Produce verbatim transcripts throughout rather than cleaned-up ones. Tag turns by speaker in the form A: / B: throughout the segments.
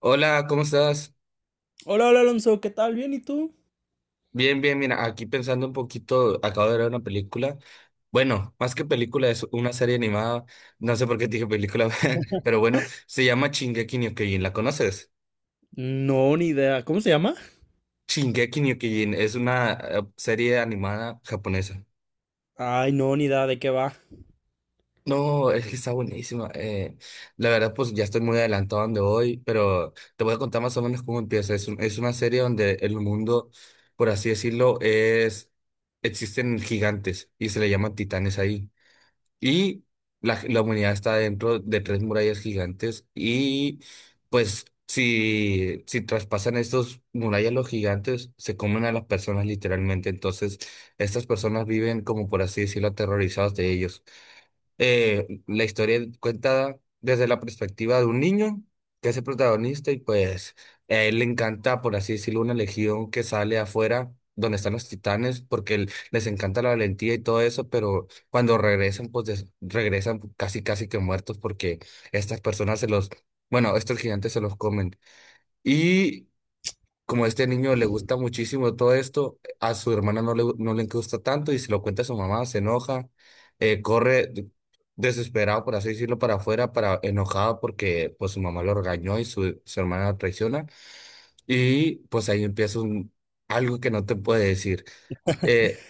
A: Hola, ¿cómo estás?
B: Hola, hola Alonso, ¿qué tal? ¿Bien y tú?
A: Bien, bien, mira, aquí pensando un poquito, acabo de ver una película. Bueno, más que película, es una serie animada. No sé por qué te dije película, pero bueno, se llama Shingeki no Kyojin, ¿la conoces?
B: No, ni idea. ¿Cómo se llama?
A: Shingeki no Kyojin es una eh, serie animada japonesa.
B: Ay, no, ni idea de qué va.
A: No, es que está buenísima. eh, la verdad, pues ya estoy muy adelantado donde voy, pero te voy a contar más o menos cómo empieza. Es, un- es una serie donde el mundo, por así decirlo, es, existen gigantes y se le llaman titanes ahí. Y la, la humanidad está dentro de tres murallas gigantes y pues si, si traspasan estos murallas los gigantes, se comen a las personas literalmente. Entonces, estas personas viven como, por así decirlo, aterrorizados de ellos. Eh, la historia cuenta desde la perspectiva de un niño que es el protagonista y pues a él le encanta, por así decirlo, una legión que sale afuera donde están los titanes porque él- les encanta la valentía y todo eso, pero cuando regresan, pues des- regresan casi casi que muertos porque estas personas se los, bueno, estos gigantes se los comen como a este niño le gusta muchísimo todo esto, a su hermana no le, no le gusta tanto y se lo cuenta a su mamá, se enoja, eh, corre de- desesperado, por así decirlo, para afuera, para enojado porque pues su mamá lo regañó y su, su hermana lo traiciona y pues ahí empieza un, algo que no te puede decir. Eh,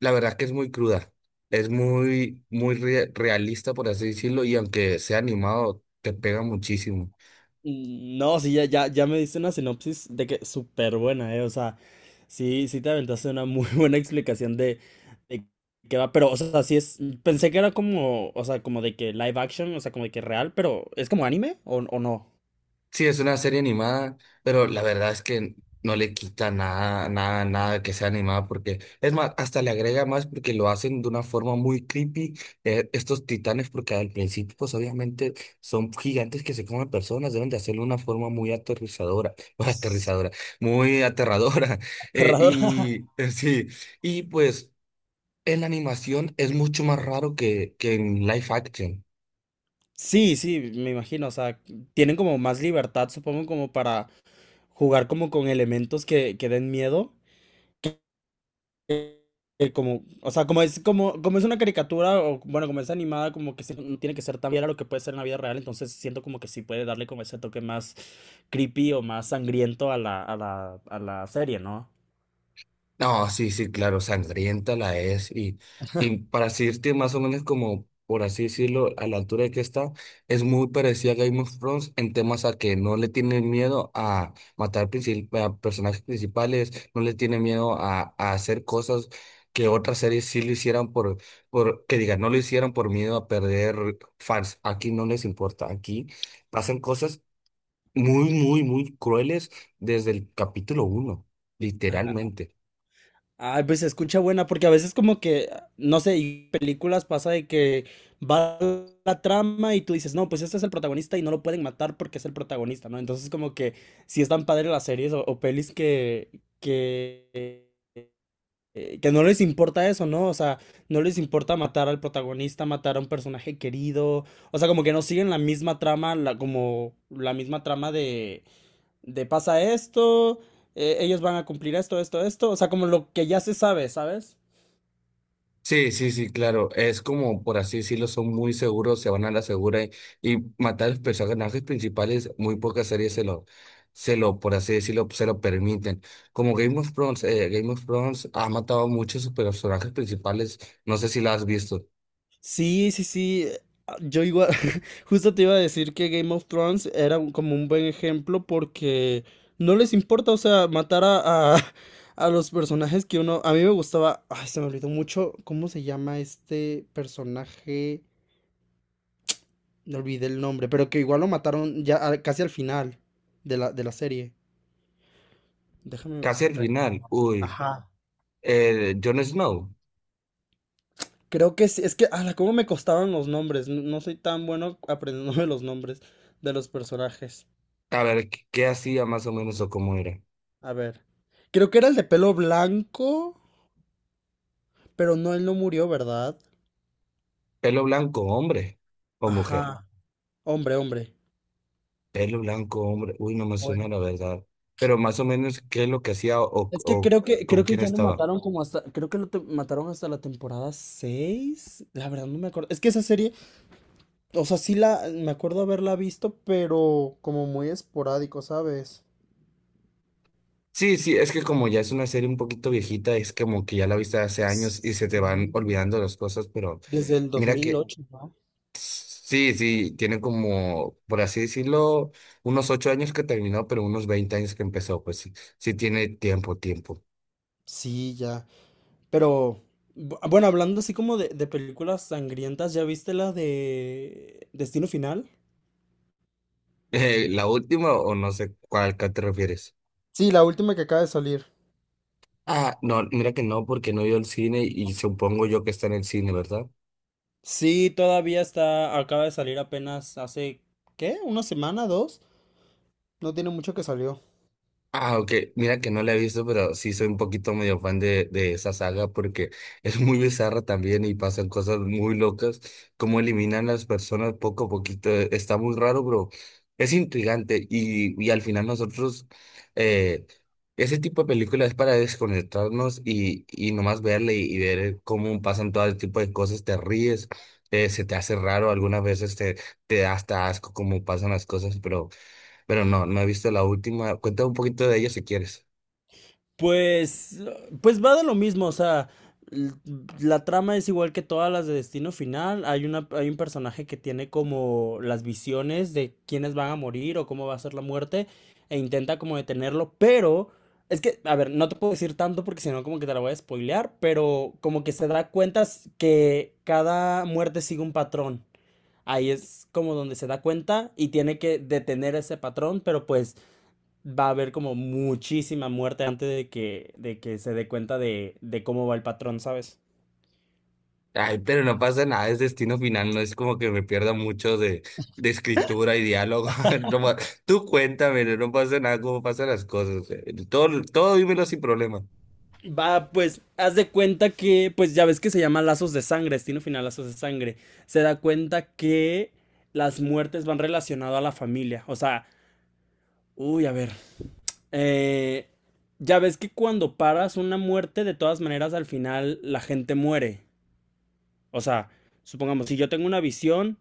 A: la verdad que es muy cruda, es muy, muy re- realista, por así decirlo, y aunque sea animado, te pega muchísimo.
B: Mm, no, sí, ya, ya, ya me diste una sinopsis de que súper buena, ¿eh? O sea, sí, sí te aventaste una muy buena explicación de, de qué va, pero, o sea, sí es, pensé que era como, o sea, como de que live action, o sea, como de que real, pero ¿es como anime o, o no?
A: Sí, es una serie animada, pero la verdad es que no le quita nada, nada, nada que sea animada, porque es más, hasta le agrega más porque lo hacen de una forma muy creepy, eh, estos titanes, porque al principio, pues obviamente son gigantes que se comen personas, deben de hacerlo de una forma muy aterrizadora, o aterrizadora, muy aterradora. eh,
B: Aterradora.
A: y eh, sí, y pues en la animación es mucho más raro que, que en live action.
B: Sí, sí, me imagino, o sea, tienen como más libertad, supongo, como para jugar como con elementos que, que den miedo. Que como, o sea, como es, como, como es una caricatura, o bueno, como es animada, como que sí, no tiene que ser tan fiel a lo que puede ser en la vida real, entonces siento como que sí puede darle como ese toque más creepy o más sangriento a la, a la, a la serie, ¿no?
A: No, sí, sí, claro, sangrienta la es. Y, y para decirte más o menos como, por así decirlo, a la altura de que está, es muy parecida a Game of Thrones en temas a que no le tienen miedo a matar princip- a personajes principales, no le tienen miedo a, a hacer cosas que otras series sí lo hicieran por, por, que digan, no lo hicieran por miedo a perder fans. Aquí no les importa, aquí pasan cosas muy, muy, muy crueles desde el capítulo uno, literalmente.
B: Ay, pues se escucha buena, porque a veces como que, no sé, y películas pasa de que va la trama y tú dices, no, pues este es el protagonista y no lo pueden matar porque es el protagonista, ¿no? Entonces como que sí están padres las series o, o pelis que, que eh, que no les importa eso, ¿no? O sea, no les importa matar al protagonista, matar a un personaje querido. O sea, como que no siguen la misma trama, la, como la misma trama de, de pasa esto, eh, ellos van a cumplir esto, esto, esto. O sea, como lo que ya se sabe, ¿sabes?
A: Sí, sí, sí, claro. Es como, por así decirlo, son muy seguros, se van a la segura y, y matar a los personajes principales, muy pocas series se lo, se lo, por así decirlo, se lo permiten. Como Game of Thrones, eh, Game of Thrones ha matado a muchos personajes principales, no sé si la has visto.
B: Sí, sí, sí. eh, ah, Yo igual, justo te iba a decir que Game of Thrones era un- como un buen ejemplo porque no les importa, o sea, matar a, a, a los personajes que uno... A mí me gustaba, ay, se me olvidó mucho cómo se llama este personaje, me olvidé el nombre, pero que igual lo mataron ya a- casi al final de la, de la serie. Déjame...
A: Casi al
B: re-
A: final, uy,
B: Ajá.
A: el Jon Snow,
B: Creo que sí, es que, ala, cómo me costaban los nombres, no, no soy tan bueno aprendiéndome los nombres de los personajes.
A: a ver, ¿qué qué hacía más o menos o cómo era?
B: A ver. Creo que era el de pelo blanco, pero no, él no murió, ¿verdad?
A: ¿Pelo blanco, hombre o mujer?
B: Ajá. Hombre, hombre.
A: Pelo blanco, hombre. Uy, no me
B: Bueno.
A: suena la verdad. Pero más o menos, ¿qué es lo que hacía o,
B: Es que
A: o
B: creo que
A: con
B: creo que
A: quién
B: ya lo
A: estaba?
B: mataron como hasta creo que lo te- mataron hasta la temporada seis. La verdad no me acuerdo. Es que esa serie, o sea, sí la me acuerdo haberla visto, pero como muy esporádico, ¿sabes?
A: Sí, sí, es que como ya es una serie un poquito viejita, es como que ya la viste hace años y
B: Sí.
A: se te van olvidando las cosas, pero
B: Desde el dos
A: mira
B: mil
A: que
B: ocho, ¿no?
A: sí, sí, tiene como, por así decirlo, unos ocho años que terminó, pero unos veinte años que empezó, pues sí, sí tiene tiempo, tiempo.
B: Sí, ya. Pero bu- bueno, hablando así como de, de películas sangrientas, ¿ya viste la de Destino Final?
A: Eh, la última o no sé cuál, ¿a te refieres?
B: Sí, la última que acaba de salir.
A: Ah, no, mira que no, porque no he el cine y supongo yo que está en el cine, ¿verdad?
B: Sí, todavía está, acaba de salir apenas hace, ¿qué? ¿Una semana, dos? No tiene mucho que salió.
A: Ah, ok. Mira que no la he visto, pero sí soy un poquito medio fan de, de esa saga porque es muy bizarra también y pasan cosas muy locas, como eliminan las personas poco a poquito. eh, Está muy raro, pero es intrigante y, y al final nosotros, eh, ese tipo de películas es para desconectarnos y, y nomás verle y, y ver cómo pasan todo el tipo de cosas, te ríes, eh, se te hace raro, algunas veces te, te da hasta asco cómo pasan las cosas, pero... Pero no, no he visto la última. Cuéntame un poquito de ella si quieres.
B: Pues, pues va de lo mismo, o sea, l- la trama es igual que todas las de Destino Final. Hay una, hay un personaje que tiene como las visiones de quiénes van a morir o cómo va a ser la muerte e intenta como detenerlo, pero es que, a ver, no te puedo decir tanto porque si no como que te la voy a spoilear, pero como que se da cuenta que cada muerte sigue un patrón. Ahí es como donde se da cuenta y tiene que detener ese patrón, pero pues va a haber como muchísima muerte antes de que, de que se dé cuenta de, de cómo va el patrón, ¿sabes?
A: Ay, pero no pasa nada, es destino final, no es como que me pierda mucho de, de escritura y diálogo. No ma- tú cuéntame, no pasa nada, cómo pasan las cosas. eh, Todo, todo dímelo sin problema.
B: Va, pues, haz de cuenta que, pues ya ves que se llama lazos de sangre, destino final lazos de sangre. Se da cuenta que las muertes van relacionadas a la familia. O sea, uy, a ver. eh, ya ves que cuando paras una muerte, de todas maneras, al final la gente muere. O sea, supongamos, si yo tengo una visión,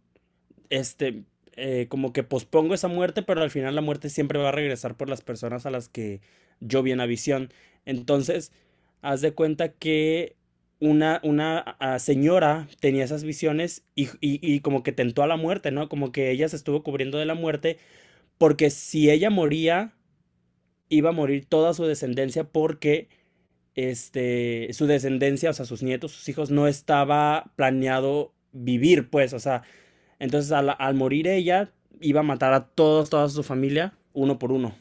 B: este, eh, como que pospongo esa muerte, pero al final la muerte siempre va a regresar por las personas a las que yo vi en la visión. Entonces, haz de cuenta que una, una ah, señora tenía esas visiones y, y- y como que tentó a la muerte, ¿no? Como que ella se estuvo cubriendo de la muerte porque si ella moría, iba a morir toda su descendencia porque este, su descendencia, o sea, sus nietos, sus hijos, no estaba planeado vivir, pues, o sea, entonces al, al morir ella, iba a matar a todos, toda su familia, uno por uno.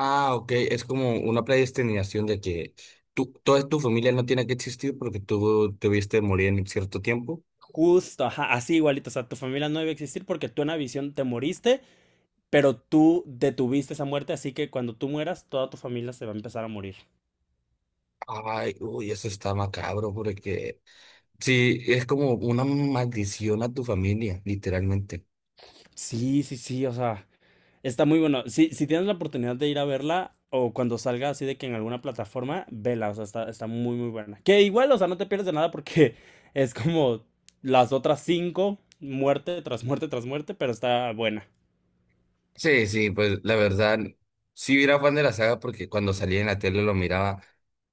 A: Ah, ok, es como una predestinación de que tú, toda tu familia no tiene que existir porque tú te viste morir en cierto tiempo.
B: Justo, ajá, así igualito. O sea, tu familia no debe existir porque tú en la visión te moriste, pero tú detuviste esa muerte, así que cuando tú mueras, toda tu familia se va a empezar a morir.
A: Ay, uy, eso está macabro porque sí, es como una maldición a tu familia, literalmente.
B: Sí, sí, sí, o sea, está muy bueno. Si, si tienes la oportunidad de ir a verla o cuando salga así de que en alguna plataforma, vela, o sea, está, está muy, muy buena. Que igual, o sea, no te pierdes de nada porque es como las otras cinco, muerte tras muerte tras muerte, pero está buena.
A: Sí, sí, pues la verdad, sí era fan de la saga porque cuando salía en la tele lo miraba,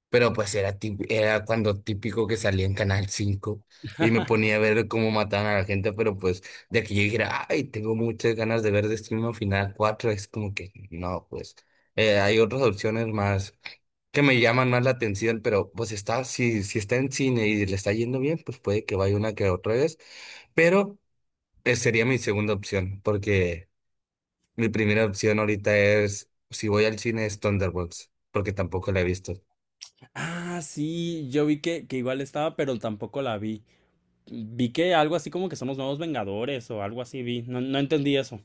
A: pero pues era, tip- era cuando típico que salía en Canal cinco y me ponía a ver cómo mataban a la gente, pero pues de que yo dijera, ay, tengo muchas ganas de ver Destino Final cuatro es como que no, pues eh, hay otras opciones más que me llaman más la atención, pero pues está, si, si está en cine y le está yendo bien, pues puede que vaya una que otra vez, pero eh, sería mi segunda opción porque... Mi primera opción ahorita es, si voy al cine, es Thunderbolts, porque tampoco la he visto.
B: Ah, sí, yo vi que, que igual estaba, pero tampoco la vi. Vi que algo así como que son los nuevos Vengadores o algo así vi. No, no entendí eso.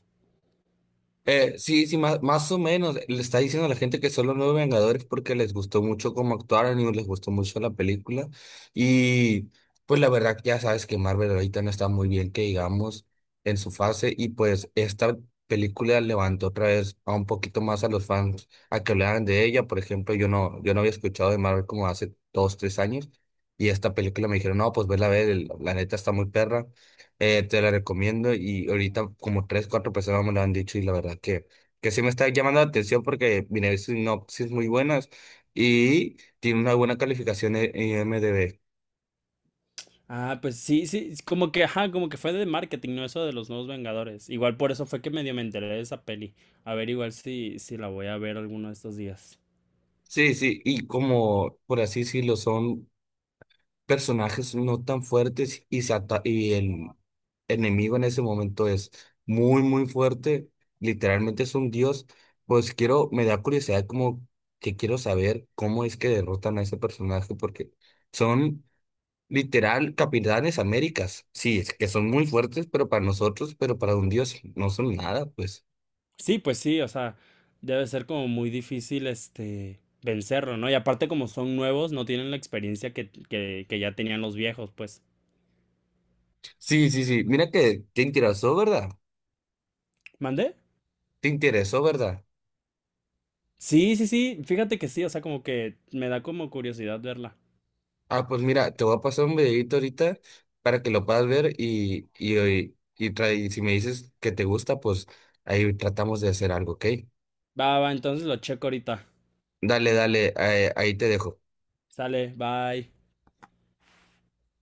A: Eh, sí, sí, más, más o menos. Le está diciendo a la gente que son los nuevos Vengadores porque les gustó mucho cómo actuaron y les gustó mucho la película. Y pues la verdad, ya sabes que Marvel ahorita no está muy bien, que digamos, en su fase. Y pues esta película levantó otra vez a un poquito más a los fans a que hablaran de ella. Por ejemplo, yo no, yo no había escuchado de Marvel como hace dos, tres años. Y esta película me dijeron, no, pues vela a ver, el- la neta está muy perra. Eh, te la recomiendo y ahorita como tres, cuatro personas me lo han dicho y la verdad que, que sí me está llamando la atención porque viene sinopsis muy buenas y tiene una buena calificación en en I M D B.
B: Ah, pues sí, sí, es como que, ajá, como que fue de marketing, no eso de los nuevos Vengadores. Igual por eso fue que medio me enteré de esa peli. A ver, igual si, si la voy a ver alguno de estos días.
A: Sí, sí, y como por así decirlo, son personajes no tan fuertes y, se ata- y el enemigo en ese momento es muy, muy fuerte, literalmente es un dios, pues quiero, me da curiosidad como que quiero saber cómo es que derrotan a ese personaje porque... Son Literal, Capitanes Américas. Sí, es que son muy fuertes, pero para nosotros, pero para un dios, no son nada, pues.
B: Sí, pues sí, o sea, debe ser como muy difícil este vencerlo, ¿no? Y aparte como son nuevos, no tienen la experiencia que, que, que ya tenían los viejos, pues.
A: Sí, sí, sí. Mira que te interesó, ¿verdad?
B: ¿Mandé?
A: Te interesó, ¿verdad?
B: Sí, sí, sí, fíjate que sí, o sea, como que me da como curiosidad verla.
A: Ah, pues mira, te voy a pasar un videito ahorita para que lo puedas ver y, y, y, y tra- y si me dices que te gusta, pues ahí tratamos de hacer algo, ¿ok?
B: Va, va, entonces lo checo ahorita.
A: Dale, dale, eh, ahí te dejo.
B: Sale, bye.